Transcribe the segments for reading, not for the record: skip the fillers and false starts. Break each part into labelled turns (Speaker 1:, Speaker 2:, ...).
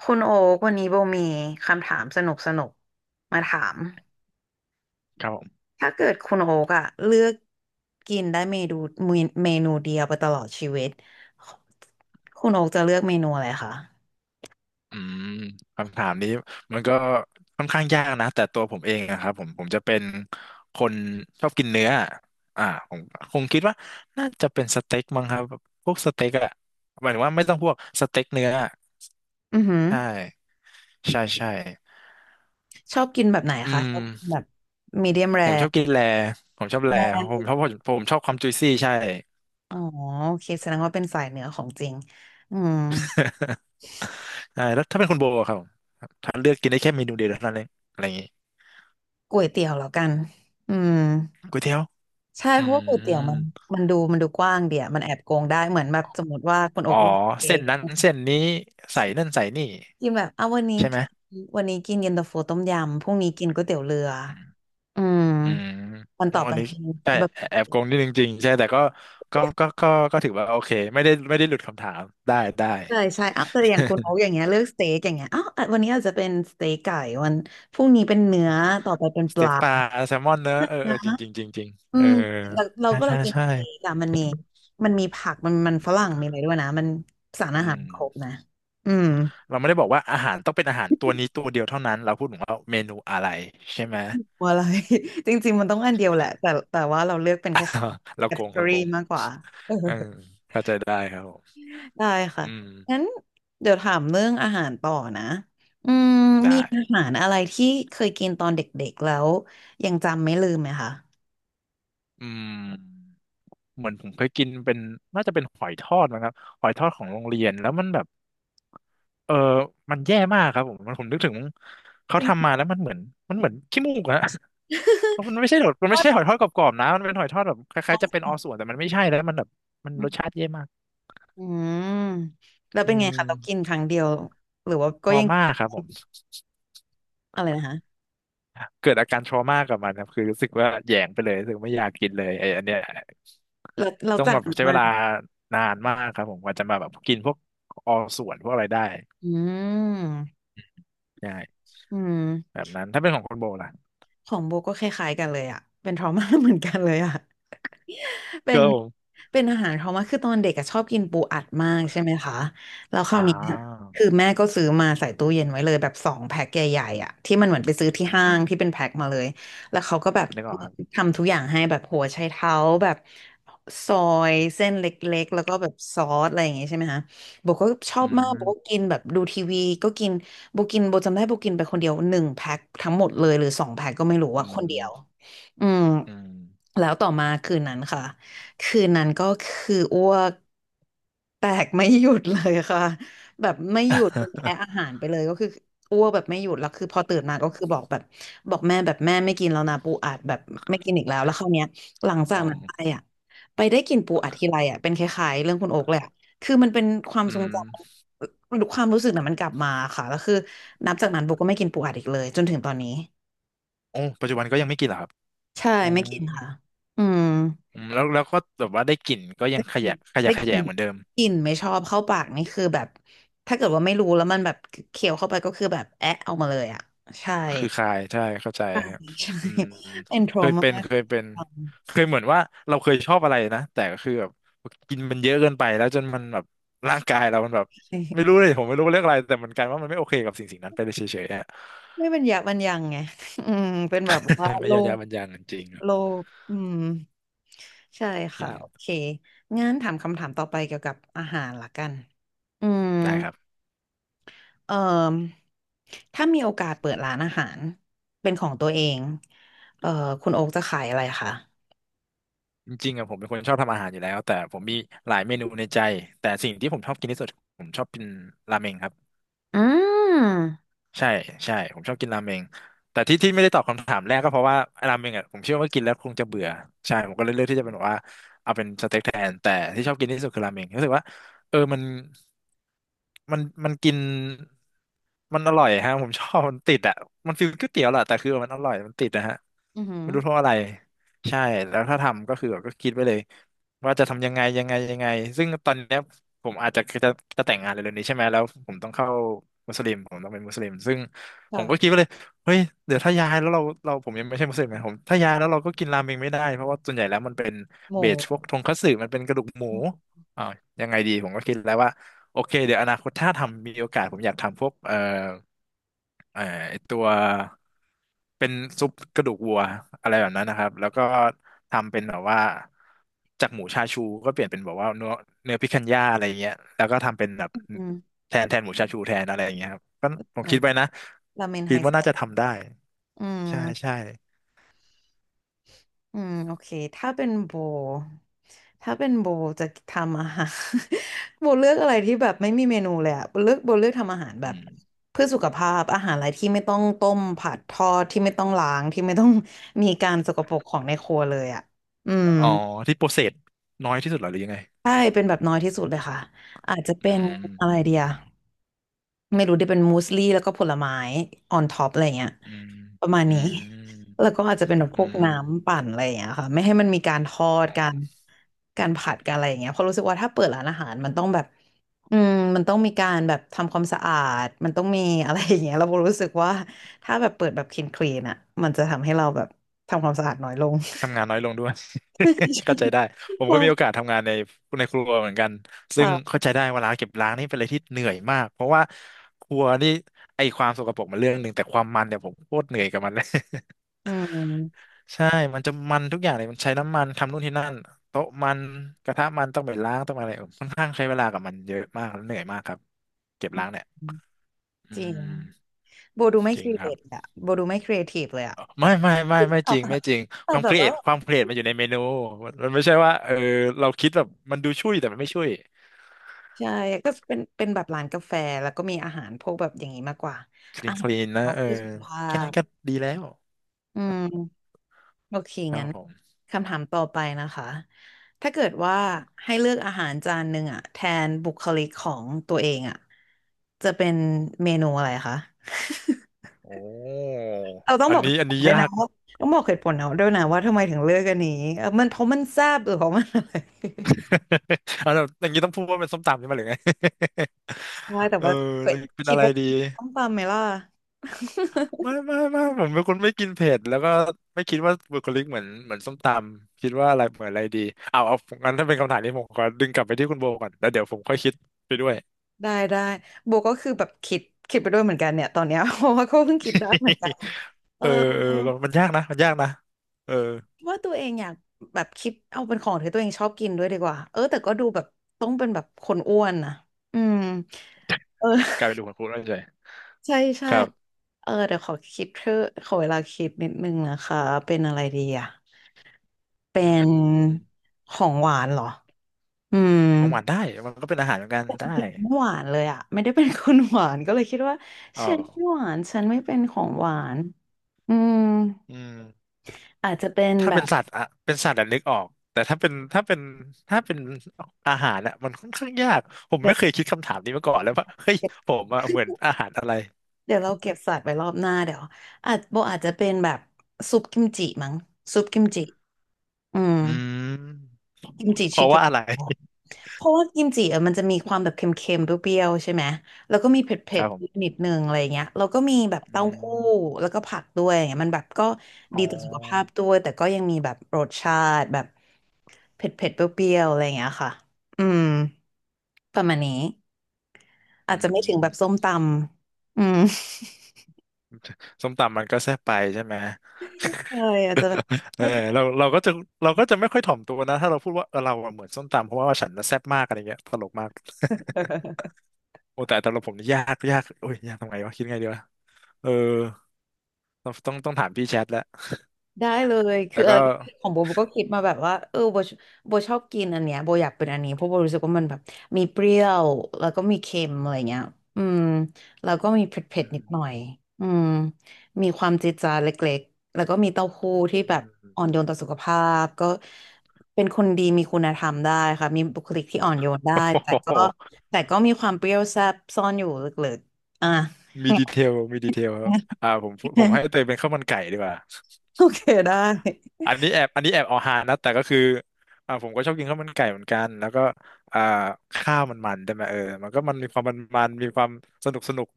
Speaker 1: คุณโอ๊กวันนี้โบมีคำถามสนุกมาถาม
Speaker 2: ครับผม
Speaker 1: ถ้าเกิดคุณโอ๊กอะเลือกกินได้เมนูเดียวไปตลอดชีวิตคุณโอ๊กจะเลือกเมนูอะไรคะ
Speaker 2: อืมคำถามนี้มันก็ค่อนข้างยากนะแต่ตัวผมเองนะครับผมจะเป็นคนชอบกินเนื้ออ่าผมคงคิดว่าน่าจะเป็นสเต็กมั้งครับพวกสเต็กอะหมายถึงว่าไม่ต้องพวกสเต็กเนื้อ
Speaker 1: อือหือ
Speaker 2: ใช่ใช่ใช่
Speaker 1: ชอบกินแบบไหน
Speaker 2: อื
Speaker 1: คะชอบกินแบ
Speaker 2: ม
Speaker 1: บมีเดียมแร
Speaker 2: ผมชอบกินแลผมชอบแลผ
Speaker 1: แร
Speaker 2: มชอบผมชอบความจุยซี่ใช่
Speaker 1: อ๋อโอเคแสดงว่าเป็นสายเหนือของจริงอืม
Speaker 2: ใช่แล้วถ้าเป็นคุณโบอะครับถ้าเลือกกินได้แค่เมนูเดียวเท่านั้นเองอะไรอย่างงี้
Speaker 1: ก๋วยเตี๋ยวแล้วกันอืม
Speaker 2: ก๋วยเตี๋ยว
Speaker 1: ใช่
Speaker 2: อื
Speaker 1: เพราะว่าก๋วยเตี๋ยว
Speaker 2: ม
Speaker 1: มันมันดูกว้างเดียวมันแอบโกงได้เหมือนแบบสมมติว่าคุณโอ๊
Speaker 2: อ๋อ
Speaker 1: กเลือกสเต็
Speaker 2: เส้น
Speaker 1: ก
Speaker 2: นั้นเส้นนี้ใส่นั่นใส่นี่
Speaker 1: กินแบบเอาวันนี้
Speaker 2: ใช่ไหม
Speaker 1: กินวันนี้กินเย็นตาโฟต้มยำพรุ่งนี้กินก๋วยเตี๋ยวเรืออืม
Speaker 2: อืม
Speaker 1: วัน
Speaker 2: โอ้
Speaker 1: ต่อไป
Speaker 2: อันนี้
Speaker 1: กิน
Speaker 2: แต่
Speaker 1: แบบ
Speaker 2: แอบโกงนิดนึงจริงใช่แต่ก็ก็ก็ก็ถือว่าโอเคไม่ได้ไม่ได้หลุดคำถามได้ได้
Speaker 1: ใช่ใช่เอาแต่อย่างคุณโอ๊กอย่างเงี้ยเลือกสเต็กอย่างเงี้ยอ้าวอ่ะวันนี้อาจจะเป็นสเต็กไก่วันพรุ่งนี้เป็นเนื้อต่อไปเป็น
Speaker 2: ส
Speaker 1: ป
Speaker 2: เต็
Speaker 1: ลา
Speaker 2: กปลาแซลมอนเนอะเออเอ
Speaker 1: นะ
Speaker 2: อจริงจริงจริงจริง
Speaker 1: อื
Speaker 2: เออ
Speaker 1: มเรา
Speaker 2: ใช่
Speaker 1: เว
Speaker 2: ใช่
Speaker 1: ลากิน
Speaker 2: ใช่
Speaker 1: สเต็กอะมันมีมีผักมันฝรั่งมีอะไรด้วยนะมันสาร
Speaker 2: อื
Speaker 1: อาหารครบ
Speaker 2: ม
Speaker 1: นะอืม
Speaker 2: เราไม่ได้บอกว่าอาหารต้องเป็นอาหารตัวนี้ตัวเดียวเท่านั้นเราพูดถึงว่าเมนูอะไรใช่ไหม
Speaker 1: ว่าอะไร จริงๆมันต้องอันเดียวแหละแต่ว่าเราเลือกเป็นแค่
Speaker 2: เราโกงเรา
Speaker 1: category
Speaker 2: โกง
Speaker 1: มากกว่าเออ
Speaker 2: เออเข้าใจได้ครับผม
Speaker 1: ได้ค่ะ
Speaker 2: อืม
Speaker 1: งั้นเดี๋ยวถามเรื่องอาหารต่อนะอืมมี
Speaker 2: ได้
Speaker 1: อาหารอะไรที่เคยกินตอนเด็กๆแล้วยังจำไม่ลืมไหมคะ
Speaker 2: อืม เหมือนผมเคยกินเป็นน่าจะเป็นหอยทอดนะครับหอยทอดของโรงเรียนแล้วมันแบบเออมันแย่มากครับผมมันผมนึกถึงเขา
Speaker 1: จริ
Speaker 2: ทำมา
Speaker 1: ง
Speaker 2: แล้วมันเหมือนมันเหมือนขี้มูกอะ เพราะมั นไม่ใช่หอยมัน
Speaker 1: ก็
Speaker 2: ไม่ใช่หอยทอดกรอบๆนะมันเป็นหอยทอดแบบคล้ายๆจะเป็นออส่วนแต่มันไม่ใช่แล้วมันแบบมันรสชาติแย่มาก
Speaker 1: อืมแล้ว
Speaker 2: อื
Speaker 1: เป็นไง
Speaker 2: ม
Speaker 1: คะ เรากินครั้งเดียวหรือว่า
Speaker 2: ท
Speaker 1: ก็
Speaker 2: ร
Speaker 1: ยัง
Speaker 2: มา
Speaker 1: กิน
Speaker 2: ครับผม
Speaker 1: อะไรนะคะ
Speaker 2: เกิดอาการทรมากับมันครับคือรู้สึกว่าแหยงไปเลยรู้สึกไม่อยากกินเลยไอ้อันเนี้ย
Speaker 1: เรา
Speaker 2: ต้อง
Speaker 1: จา
Speaker 2: แบบ
Speaker 1: กัน
Speaker 2: ใช้เว
Speaker 1: มา
Speaker 2: ลานานมากครับผมกว่าจะมาแบบกินพวกออส่วนพวกอะไรได้
Speaker 1: อืม
Speaker 2: ใช่
Speaker 1: อืม
Speaker 2: แบบนั้นถ้าเป็นของคนโบล่ะ
Speaker 1: ของโบก็คล้ายๆกันเลยอะเป็นทรอมา เหมือนกันเลยอะ เป็น
Speaker 2: ก็ผม
Speaker 1: เป็นอาหารเขามากคือตอนเด็กอะชอบกินปูอัดมากใช่ไหมคะแล้วคราว
Speaker 2: อ่า
Speaker 1: นี้เนี่ยคือแม่ก็ซื้อมาใส่ตู้เย็นไว้เลยแบบสองแพ็คใหญ่ๆอ่ะที่มันเหมือนไปซื้อที่
Speaker 2: อื
Speaker 1: ห้าง
Speaker 2: ม
Speaker 1: ที่เป็นแพ็คมาเลยแล้วเขาก็แบบ
Speaker 2: นึกออกครับ
Speaker 1: ทำทุกอย่างให้แบบหัวไชเท้าแบบซอยเส้นเล็กๆแล้วก็แบบซอสอะไรอย่างงี้ใช่ไหมคะโบก็ชอ
Speaker 2: อื
Speaker 1: บมาก
Speaker 2: ม
Speaker 1: โบก็กินแบบดูทีวีก็กินโบกินโบจำได้โบกินไปคนเดียวหนึ่งแพ็คทั้งหมดเลยหรือสองแพ็คก็ไม่รู้
Speaker 2: อื
Speaker 1: ว่าคนเดียว
Speaker 2: ม
Speaker 1: อืม
Speaker 2: อืม
Speaker 1: แล้วต่อมาคืนนั้นค่ะ คืนนั้นก็คืออ้วกแตกไม่หยุดเลยค่ะ แบบไม่หยุดแพ้อาหา รไปเลยก็คืออ้วกแบบไม่หยุดแล้วคือพอตื่นมาก็คือบอกแบบบอกแม่แบบแม่ไม่กินแล้วนะปูอัดแบบไม่กินอีกแล้วแล้วคราวเนี้ยหลังจา
Speaker 2: อ๋อ
Speaker 1: กนั้นไปอ่ะไปได้กินปูอัดทีไรอ่ะเป็นคล้ายๆเรื่องคุณโอ๊กเลยอ่ะคือมันเป็นความ
Speaker 2: อื
Speaker 1: ทรง
Speaker 2: ม
Speaker 1: จำความรู้สึกน่ะมันกลับมาค่ะแล้วคือนับจากนั้นโบก็ไม่กินปูอัดอีกเลยจนถึงตอนนี้
Speaker 2: โอ้ปัจจุบันก็ยังไม่กินเหรอครับ
Speaker 1: ใช่
Speaker 2: อ๋อ
Speaker 1: ไม่กินค่ะอืม
Speaker 2: อืมแล้วแล้วก็แบบว่าได้กลิ่นก็ยังขยะขยะ
Speaker 1: ได้
Speaker 2: แข
Speaker 1: ก
Speaker 2: ย
Speaker 1: ลิ่
Speaker 2: ง
Speaker 1: น
Speaker 2: เหมือนเดิม
Speaker 1: กลิ่นไม่ชอบเข้าปากนี่คือแบบถ้าเกิดว่าไม่รู้แล้วมันแบบเคี้ยวเข้าไปก็คือแบบแอะเอามาเลยอ่ะใช่
Speaker 2: คือคายใช่เข้าใจครับ
Speaker 1: ใช่
Speaker 2: อืม
Speaker 1: เป็นโทร
Speaker 2: เคย
Speaker 1: มา
Speaker 2: เป็นเคยเป็นเคยเหมือนว่าเราเคยชอบอะไรนะแต่ก็คือแบบกินมันเยอะเกินไปแล้วจนมันแบบร่างกายเรามันแบบ
Speaker 1: ใช่
Speaker 2: ไม่รู้เลยผมไม่รู้ว่าเรื่องอะไรแต่มันกลายว่ามันไม่โอเคกับสิ่งสิ่งนั้นไปเลยเฉยๆอ่ะ
Speaker 1: ไม่เป็นยบมันยังไง อืมเป็นแบบว่า
Speaker 2: ไม่
Speaker 1: โล
Speaker 2: ยอมยั
Speaker 1: ก
Speaker 2: บมังยังจริงครับ
Speaker 1: โลกอืมใช่
Speaker 2: กิ
Speaker 1: ค่ะ
Speaker 2: น
Speaker 1: โอเคงั้นถามคำถามต่อไปเกี่ยวกับอาหารละกันอืม
Speaker 2: ได้ครับ
Speaker 1: เอ่อถ้ามีโอกาสเปิดร้านอาหารเป็นของตัวเองเอ่อคุณโอ๊กจะขายอะไรคะ
Speaker 2: จริงๆอะผมเป็นคนชอบทำอาหารอยู่แล้วแต่ผมมีหลายเมนูในใจแต่สิ่งที่ผมชอบกินที่สุดผมชอบกินราเมงครับ
Speaker 1: อืม
Speaker 2: ใช่ใช่ผมชอบกินราเมงแต่ที่ที่ไม่ได้ตอบคำถามแรกก็เพราะว่าราเมงอ่ะผมเชื่อว่ากินแล้วคงจะเบื่อใช่ผมก็เลยเลือกที่จะเป็นแบบว่าเอาเป็นสเต็กแทนแต่ที่ชอบกินที่สุดคือราเมงรู้สึกว่าเออมันกินมันอร่อยฮะผมชอบมันติดอ่ะมันฟีลก๋วยเตี๋ยวแหละแต่คือมันอร่อยมันติดนะฮะ
Speaker 1: อือหือ
Speaker 2: ไม่รู้เพราะอะไรใช่แล้วถ้าทำก็คือแบบก็คิดไว้เลยว่าจะทำยังไงยังไงยังไงซึ่งตอนเนี้ยผมอาจจะแต่งงานเร็วๆนี้ใช่ไหมแล้วผมต้องเข้า มุสลิมผมต้องเป็นมุสลิมซึ่งผมก็คิด
Speaker 1: ค่ะ
Speaker 2: ว่าเลยเฮ้ยเดี๋ยวถ้าย้ายแล้วเราผมยังไม่ใช่มุสลิมนะผมถ้าย้ายแล้วเราก็กินราเมงไม่ได้เพราะว่าส่วนใหญ่แล้วมันเป็น
Speaker 1: หมู
Speaker 2: เบสพวกทงคัตสึมันเป็นกระดูกหมูอ่าวยังไงดีผมก็คิดแล้วว่า โอเคเดี๋ยวอนาคตถ้าทำมีโอกาสผมอยากทำพวกเอ่อไอ้ตัวเป็นซุปกระดูกวัวอะไรแบบนั้นนะครับแล้วก็ทำเป็นแบบว่าจากหมูชาชูก็เปลี่ยนเป็นแบบว่าเนื้อเนื้อพิคันย่าอะไรเงี้ยแล้วก็ทำเป็นแบบ
Speaker 1: อืม
Speaker 2: แทนแทนหมูชาชูแทนอะไรอย่างเงี้ยครับก็ผม
Speaker 1: นะ
Speaker 2: คิดไว้นะ
Speaker 1: ราเมนไฮ
Speaker 2: คิด
Speaker 1: ส
Speaker 2: ว่า
Speaker 1: เป
Speaker 2: น่าจะทำได้
Speaker 1: อื
Speaker 2: ใช่
Speaker 1: ม
Speaker 2: ใช่
Speaker 1: อืมโอเคถ้าเป็นโบถ้าเป็นโบจะทำอาหาร โบเลือกอะไรที่แบบไม่มีเมนูเลยอะโบเลือกทำอาหารแบ
Speaker 2: อื
Speaker 1: บ
Speaker 2: ม
Speaker 1: เพื่อสุขภาพอาหารอะไรที่ไม่ต้องต้มผัดทอดที่ไม่ต้องล้างที่ไม่ต้องมีการสกปรกของในครัวเลยอะอืม
Speaker 2: อ๋อที่โปรเซสน้อยที่สุดเหรอหรือยังไง
Speaker 1: ใช่เป็นแบบน้อยที่สุดเลยค่ะอาจจะเป็
Speaker 2: อื
Speaker 1: น
Speaker 2: ม
Speaker 1: อะไรเดีย ไม่รู้ได้เป็นมูสลี่แล้วก็ผลไม้ออนท็อปอะไรเงี้ย
Speaker 2: อืม
Speaker 1: ประมาณ
Speaker 2: อื
Speaker 1: นี้
Speaker 2: ม
Speaker 1: แล้วก็อาจจะเป็นแบบพ
Speaker 2: อื
Speaker 1: วก
Speaker 2: ม
Speaker 1: น้ำปั่นอะไรอย่างเงี้ยค่ะไม่ให้มันมีการทอด
Speaker 2: อ๋
Speaker 1: การ
Speaker 2: อ
Speaker 1: การผัดการอะไรอย่างเงี้ยเพราะรู้สึกว่าถ้าเปิดร้านอาหารมันต้องแบบอืมมันต้องมีการแบบทำความสะอาดมันต้องมีอะไรอย่างเงี้ยเรารู้สึกว่าถ้าแบบเปิดแบบคลีนอ่ะมันจะทำให้เราแบบทำความสะอาดน้อยลง
Speaker 2: ทำงานน้อยลงด้วย เข้าใจได้ผม ก็
Speaker 1: ว่า
Speaker 2: มีโอกาสทำงานในในครัวเหมือนกันซึ่ง
Speaker 1: ค่ะ
Speaker 2: เข้าใจได้เวลาเก็บล้างนี่เป็นอะไรที่เหนื่อยมากเพราะว่าครัวนี่ไอความสกปรกมันเรื่องหนึ่งแต่ความมันเนี่ยผมโคตรเหนื่อยกับมันเลย
Speaker 1: อืม
Speaker 2: ใช่มันจะมันทุกอย่างเลยมันใช้น้ำมันทำนู่นที่นั่นโต๊ะมันกระทะมันต้องไปล้างต้องอะไรเออค่อนข้างใช้เวลากับมันเยอะมากแล้วเหนื่อยมากครับเก็บล้างเนี่ยอื
Speaker 1: จริง
Speaker 2: ม
Speaker 1: โบดูไม่
Speaker 2: จ
Speaker 1: ค
Speaker 2: ริง
Speaker 1: รี
Speaker 2: ค
Speaker 1: เอ
Speaker 2: รับ
Speaker 1: ทอะโบดูไม่ครีเอทีฟเลยอะแบ
Speaker 2: ไม่
Speaker 1: บ
Speaker 2: ไม่ไม่ไม่
Speaker 1: ตอ
Speaker 2: จ
Speaker 1: บ
Speaker 2: ริงไม่จริง
Speaker 1: ต
Speaker 2: ค
Speaker 1: อบ
Speaker 2: วาม
Speaker 1: แบ
Speaker 2: เค
Speaker 1: บ
Speaker 2: รีย
Speaker 1: ว่า
Speaker 2: ดความเครียดมันอยู่ในเมนูมันไม่ใช่ว่าเออเราคิดแบบมันดูช่วยแต่มันไม่ช่วย
Speaker 1: ใช่ก็เป็นแบบร้านกาแฟแล้วก็มีอาหารพวกแบบอย่างนี้มากกว่า
Speaker 2: คลี
Speaker 1: อา
Speaker 2: นค
Speaker 1: หาร
Speaker 2: ลีนนะ
Speaker 1: เขา
Speaker 2: เออ
Speaker 1: เพื่อสุขภา
Speaker 2: แค่นั้
Speaker 1: พ
Speaker 2: นก็ดีแล้ว
Speaker 1: อืมโอเค
Speaker 2: ครั
Speaker 1: งั้
Speaker 2: บ
Speaker 1: น
Speaker 2: ผม
Speaker 1: คำถามต่อไปนะคะถ้าเกิดว่าให้เลือกอาหารจานหนึ่งอะแทนบุคลิกของตัวเองอะจะเป็นเมนูอะไรคะ
Speaker 2: โอ้
Speaker 1: เราต้อง
Speaker 2: อั
Speaker 1: บ
Speaker 2: น
Speaker 1: อกเห
Speaker 2: นี้
Speaker 1: ตุ
Speaker 2: อัน
Speaker 1: ผล
Speaker 2: นี้
Speaker 1: ด้วย
Speaker 2: ยา
Speaker 1: นะ
Speaker 2: ก
Speaker 1: ว่าต้องบอกเหตุผลเอาด้วยนะว่าทำไมถึงเลือกอันนี้เออมันเพราะมันแซ่บหรือเพราะมันอะไร
Speaker 2: อันนั้นอย่างนี้ต้องพูดว่าเป็นส้มตำใช่ไหมหรือไง
Speaker 1: ใช่ แต่
Speaker 2: เออ
Speaker 1: ว่าเอ้
Speaker 2: เล
Speaker 1: ย
Speaker 2: ยเป็น
Speaker 1: คิด
Speaker 2: อะไร
Speaker 1: ว่า
Speaker 2: ดี
Speaker 1: ต้องตามไหมล่ะ
Speaker 2: ไม่ผมเป็นคนไม่กินเผ็ดแล้วก็ไม่คิดว่าบุคลิกเหมือนส้มตำคิดว่าอะไรเหมือนอะไรดีเอางั้นถ้าเป็นคำถามนี้ผมขอดึงกลับไปที่คุณโบก่อนแล้วเดี๋ยวผมค่อยคิดไปด้วย
Speaker 1: ได้ได้โบก็คือแบบคิดไปด้วยเหมือนกันเนี่ยตอนเนี้ย เพราะว่าก็เพิ่งคิดได้เหมือนกัน เอ
Speaker 2: เอ
Speaker 1: อ
Speaker 2: อเออมันยากนะเออ
Speaker 1: ว่าตัวเองอยากแบบคิดเอาเป็นของที่ตัวเองชอบกินด้วยดีกว่าเออแต่ก็ดูแบบต้องเป็นแบบคนอ้วนนะอืมเออ
Speaker 2: กลายเป็นดูของคุณแล้วเฉย
Speaker 1: ใช่ใช่
Speaker 2: ครับ
Speaker 1: เออเดี๋ยวขอคิดเธอะขอเวลาคิดนิดนึงนะคะเป็นอะไรดีอ่ะ
Speaker 2: อื
Speaker 1: เป็น
Speaker 2: ม
Speaker 1: ของหวานเหรออืม
Speaker 2: ของหวานได้มันก็เป็นอาหารเหมือนกันได้
Speaker 1: ไม่หวานเลยอ่ะไม่ได้เป็นคนหวานก็เลยคิดว่า
Speaker 2: อ๋อ
Speaker 1: ฉันไม่หวานฉันไม่เป็นของหวานอืม
Speaker 2: อืม
Speaker 1: อาจจะเป็น
Speaker 2: ถ้า
Speaker 1: แบ
Speaker 2: เป็น
Speaker 1: บ
Speaker 2: สัตว์อะเป็นสัตว์อะนึกออกแต่ถ้าเป็นอาหารอะมันค่อนข้างยากผม
Speaker 1: เดี๋ย
Speaker 2: ไม่เคย
Speaker 1: ว
Speaker 2: คิดคำถามนี้มาก่อนเลยว่าเฮ้ย
Speaker 1: เดี๋
Speaker 2: ผมอะเหมือน อาหารอะไร
Speaker 1: เดี๋ยวเราเก็บสัตว์ไว้รอบหน้าเดี๋ยวอาจโบอาจจะเป็นแบบซุปกิมจิมั้งซุปกิมจิอืม
Speaker 2: อืม
Speaker 1: กิมจิ
Speaker 2: เพ
Speaker 1: ชิ
Speaker 2: ราะ
Speaker 1: เก
Speaker 2: ว่า
Speaker 1: น
Speaker 2: อะไร
Speaker 1: เพราะว่ากิมจิอะมันจะมีความแบบเค็มๆเปรี้ยวๆใช่ไหมแล้วก็มีเผ ็
Speaker 2: ครั
Speaker 1: ด
Speaker 2: บผ
Speaker 1: ๆ
Speaker 2: ม
Speaker 1: นิดนึงอะไรเงี้ยแล้วก็มีแบบ
Speaker 2: อื
Speaker 1: เต้าหู้
Speaker 2: ม
Speaker 1: แล้วก็ผักด้วยอย่างเงี้ยมันแบบก็
Speaker 2: อ๋
Speaker 1: ดี
Speaker 2: อ
Speaker 1: ต่อสุขภาพด้วยแต่ก็ยังมีแบบรสชาติแบบเผ็ดๆเปรี้ยวๆอะไรเงี้ยค่ะอืมประมาณนี้อา
Speaker 2: อื
Speaker 1: จจะไม่ถึงแบบ
Speaker 2: ม
Speaker 1: ส้มตำอืม
Speaker 2: ส้มตำมันก็แซ่บไปใช่ไหม
Speaker 1: ใช่อาจจะแบบ
Speaker 2: เอ
Speaker 1: ไม่
Speaker 2: อ
Speaker 1: เผ็
Speaker 2: เรา
Speaker 1: ด
Speaker 2: เราก็จะเราก็จะไม่ค่อยถ่อมตัวนะถ้าเราพูดว่าเออเราอะเหมือนส้มตำเพราะว่าฉันน่ะแซ่บมากอะไรเงี้ยตลกมากโอ้แต่เราผมนี่ยากโอ้ยยากตรงไหนวะคิดไงดีวะเออต้องถามพี่แชทแล้ว
Speaker 1: ได้เลย
Speaker 2: แต่
Speaker 1: คืออะ
Speaker 2: ก็
Speaker 1: ไรของโบโบก็คิดมาแบบว่าเออโบโบชอบกินอันเนี้ยโบอยากเป็นอันนี้เพราะโบรู้สึกว่ามันแบบมีเปรี้ยวแล้วก็มีเค็มอะไรเงี้ยอืมแล้วก็มีเผ็ด
Speaker 2: อื
Speaker 1: ๆนิ
Speaker 2: ม
Speaker 1: ดหน่อยอืมมีความจี๊ดจ๊าดเล็กๆแล้วก็มีเต้าหู้ที่
Speaker 2: อื
Speaker 1: แบบ
Speaker 2: ม
Speaker 1: อ่อนโยนต่อสุขภาพก็เป็นคนดีมีคุณธรรมได้ค่ะมีบุคลิกที่อ่อนโยนได้
Speaker 2: โอ้
Speaker 1: แต่ก็
Speaker 2: โห
Speaker 1: มีความเปรี้ยวแซ่บซ่อนอยู่ลึกๆอ่ะ
Speaker 2: มีดีเทลครับอ่า ผมให้เตยเป็นข้าวมันไก่ดีกว่า
Speaker 1: โอเคได้
Speaker 2: อันนี้แอบเอาฮานะแต่ก็คืออ่าผมก็ชอบกินข้าวมันไก่เหมือนกันแล้วก็อ่าข้าวมันมันได้ไหมเออมันก็มันมีความมันมันมีความสนุก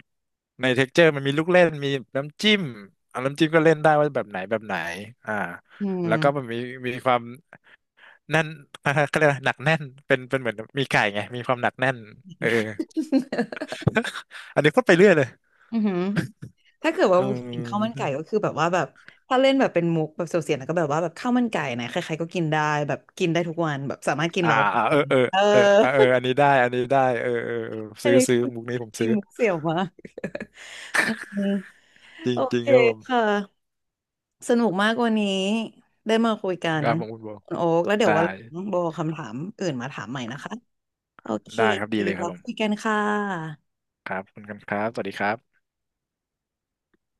Speaker 2: ในเท็กเจอร์มันมีลูกเล่นมีน้ำจิ้มอ่าน้ำจิ้มก็เล่นได้ว่าแบบไหนอ่า
Speaker 1: อื
Speaker 2: แล้วก็มัน
Speaker 1: ม
Speaker 2: มีมีความแน่น ก็เรียกว่าหนักแน่นเป็นเหมือนมีไก่ไงมีความหนักแน่นเอออันนี้พูดไปเรื่อยเลย
Speaker 1: อือหือถ้าเกิดว่า
Speaker 2: เอ
Speaker 1: เห็นข้าวมัน
Speaker 2: อ
Speaker 1: ไก่ก็คือแบบว่าแบบถ้าเล่นแบบเป็นมุกแบบเสียวๆแล้วก็แบบว่าแบบข้าวมันไก่นะใครๆก็กินได้แบบกินได้ทุกวันแบบสามารถกิน
Speaker 2: อ่า
Speaker 1: เราได้
Speaker 2: อ่า
Speaker 1: ทุก
Speaker 2: เออ
Speaker 1: วัน
Speaker 2: เออ
Speaker 1: เออ
Speaker 2: เออเออเอออันนี้ได้เออ
Speaker 1: อัน
Speaker 2: ซื้อ
Speaker 1: นี้
Speaker 2: ซื้อ
Speaker 1: คือ
Speaker 2: มุกนี้ผม
Speaker 1: มี
Speaker 2: ซื้อ
Speaker 1: มุกเสียวมากอืม
Speaker 2: จริ
Speaker 1: โอ
Speaker 2: งจริ
Speaker 1: เค
Speaker 2: งครับผม
Speaker 1: ค่ะสนุกมากวันนี้ได้มาคุยกั
Speaker 2: ค
Speaker 1: น
Speaker 2: รับผมคุณโบ
Speaker 1: คุณโอ๊กแล้วเดี๋ยว
Speaker 2: ได้
Speaker 1: วันหลังโบเอาคำถามอื่นมาถามใหม่นะคะ โอเค
Speaker 2: ได้ครับ ดีเลยค
Speaker 1: เรา
Speaker 2: รับผ
Speaker 1: คุยกั
Speaker 2: ม
Speaker 1: นค่ะ
Speaker 2: ครับขอบคุณกันครับสวัสดีครับ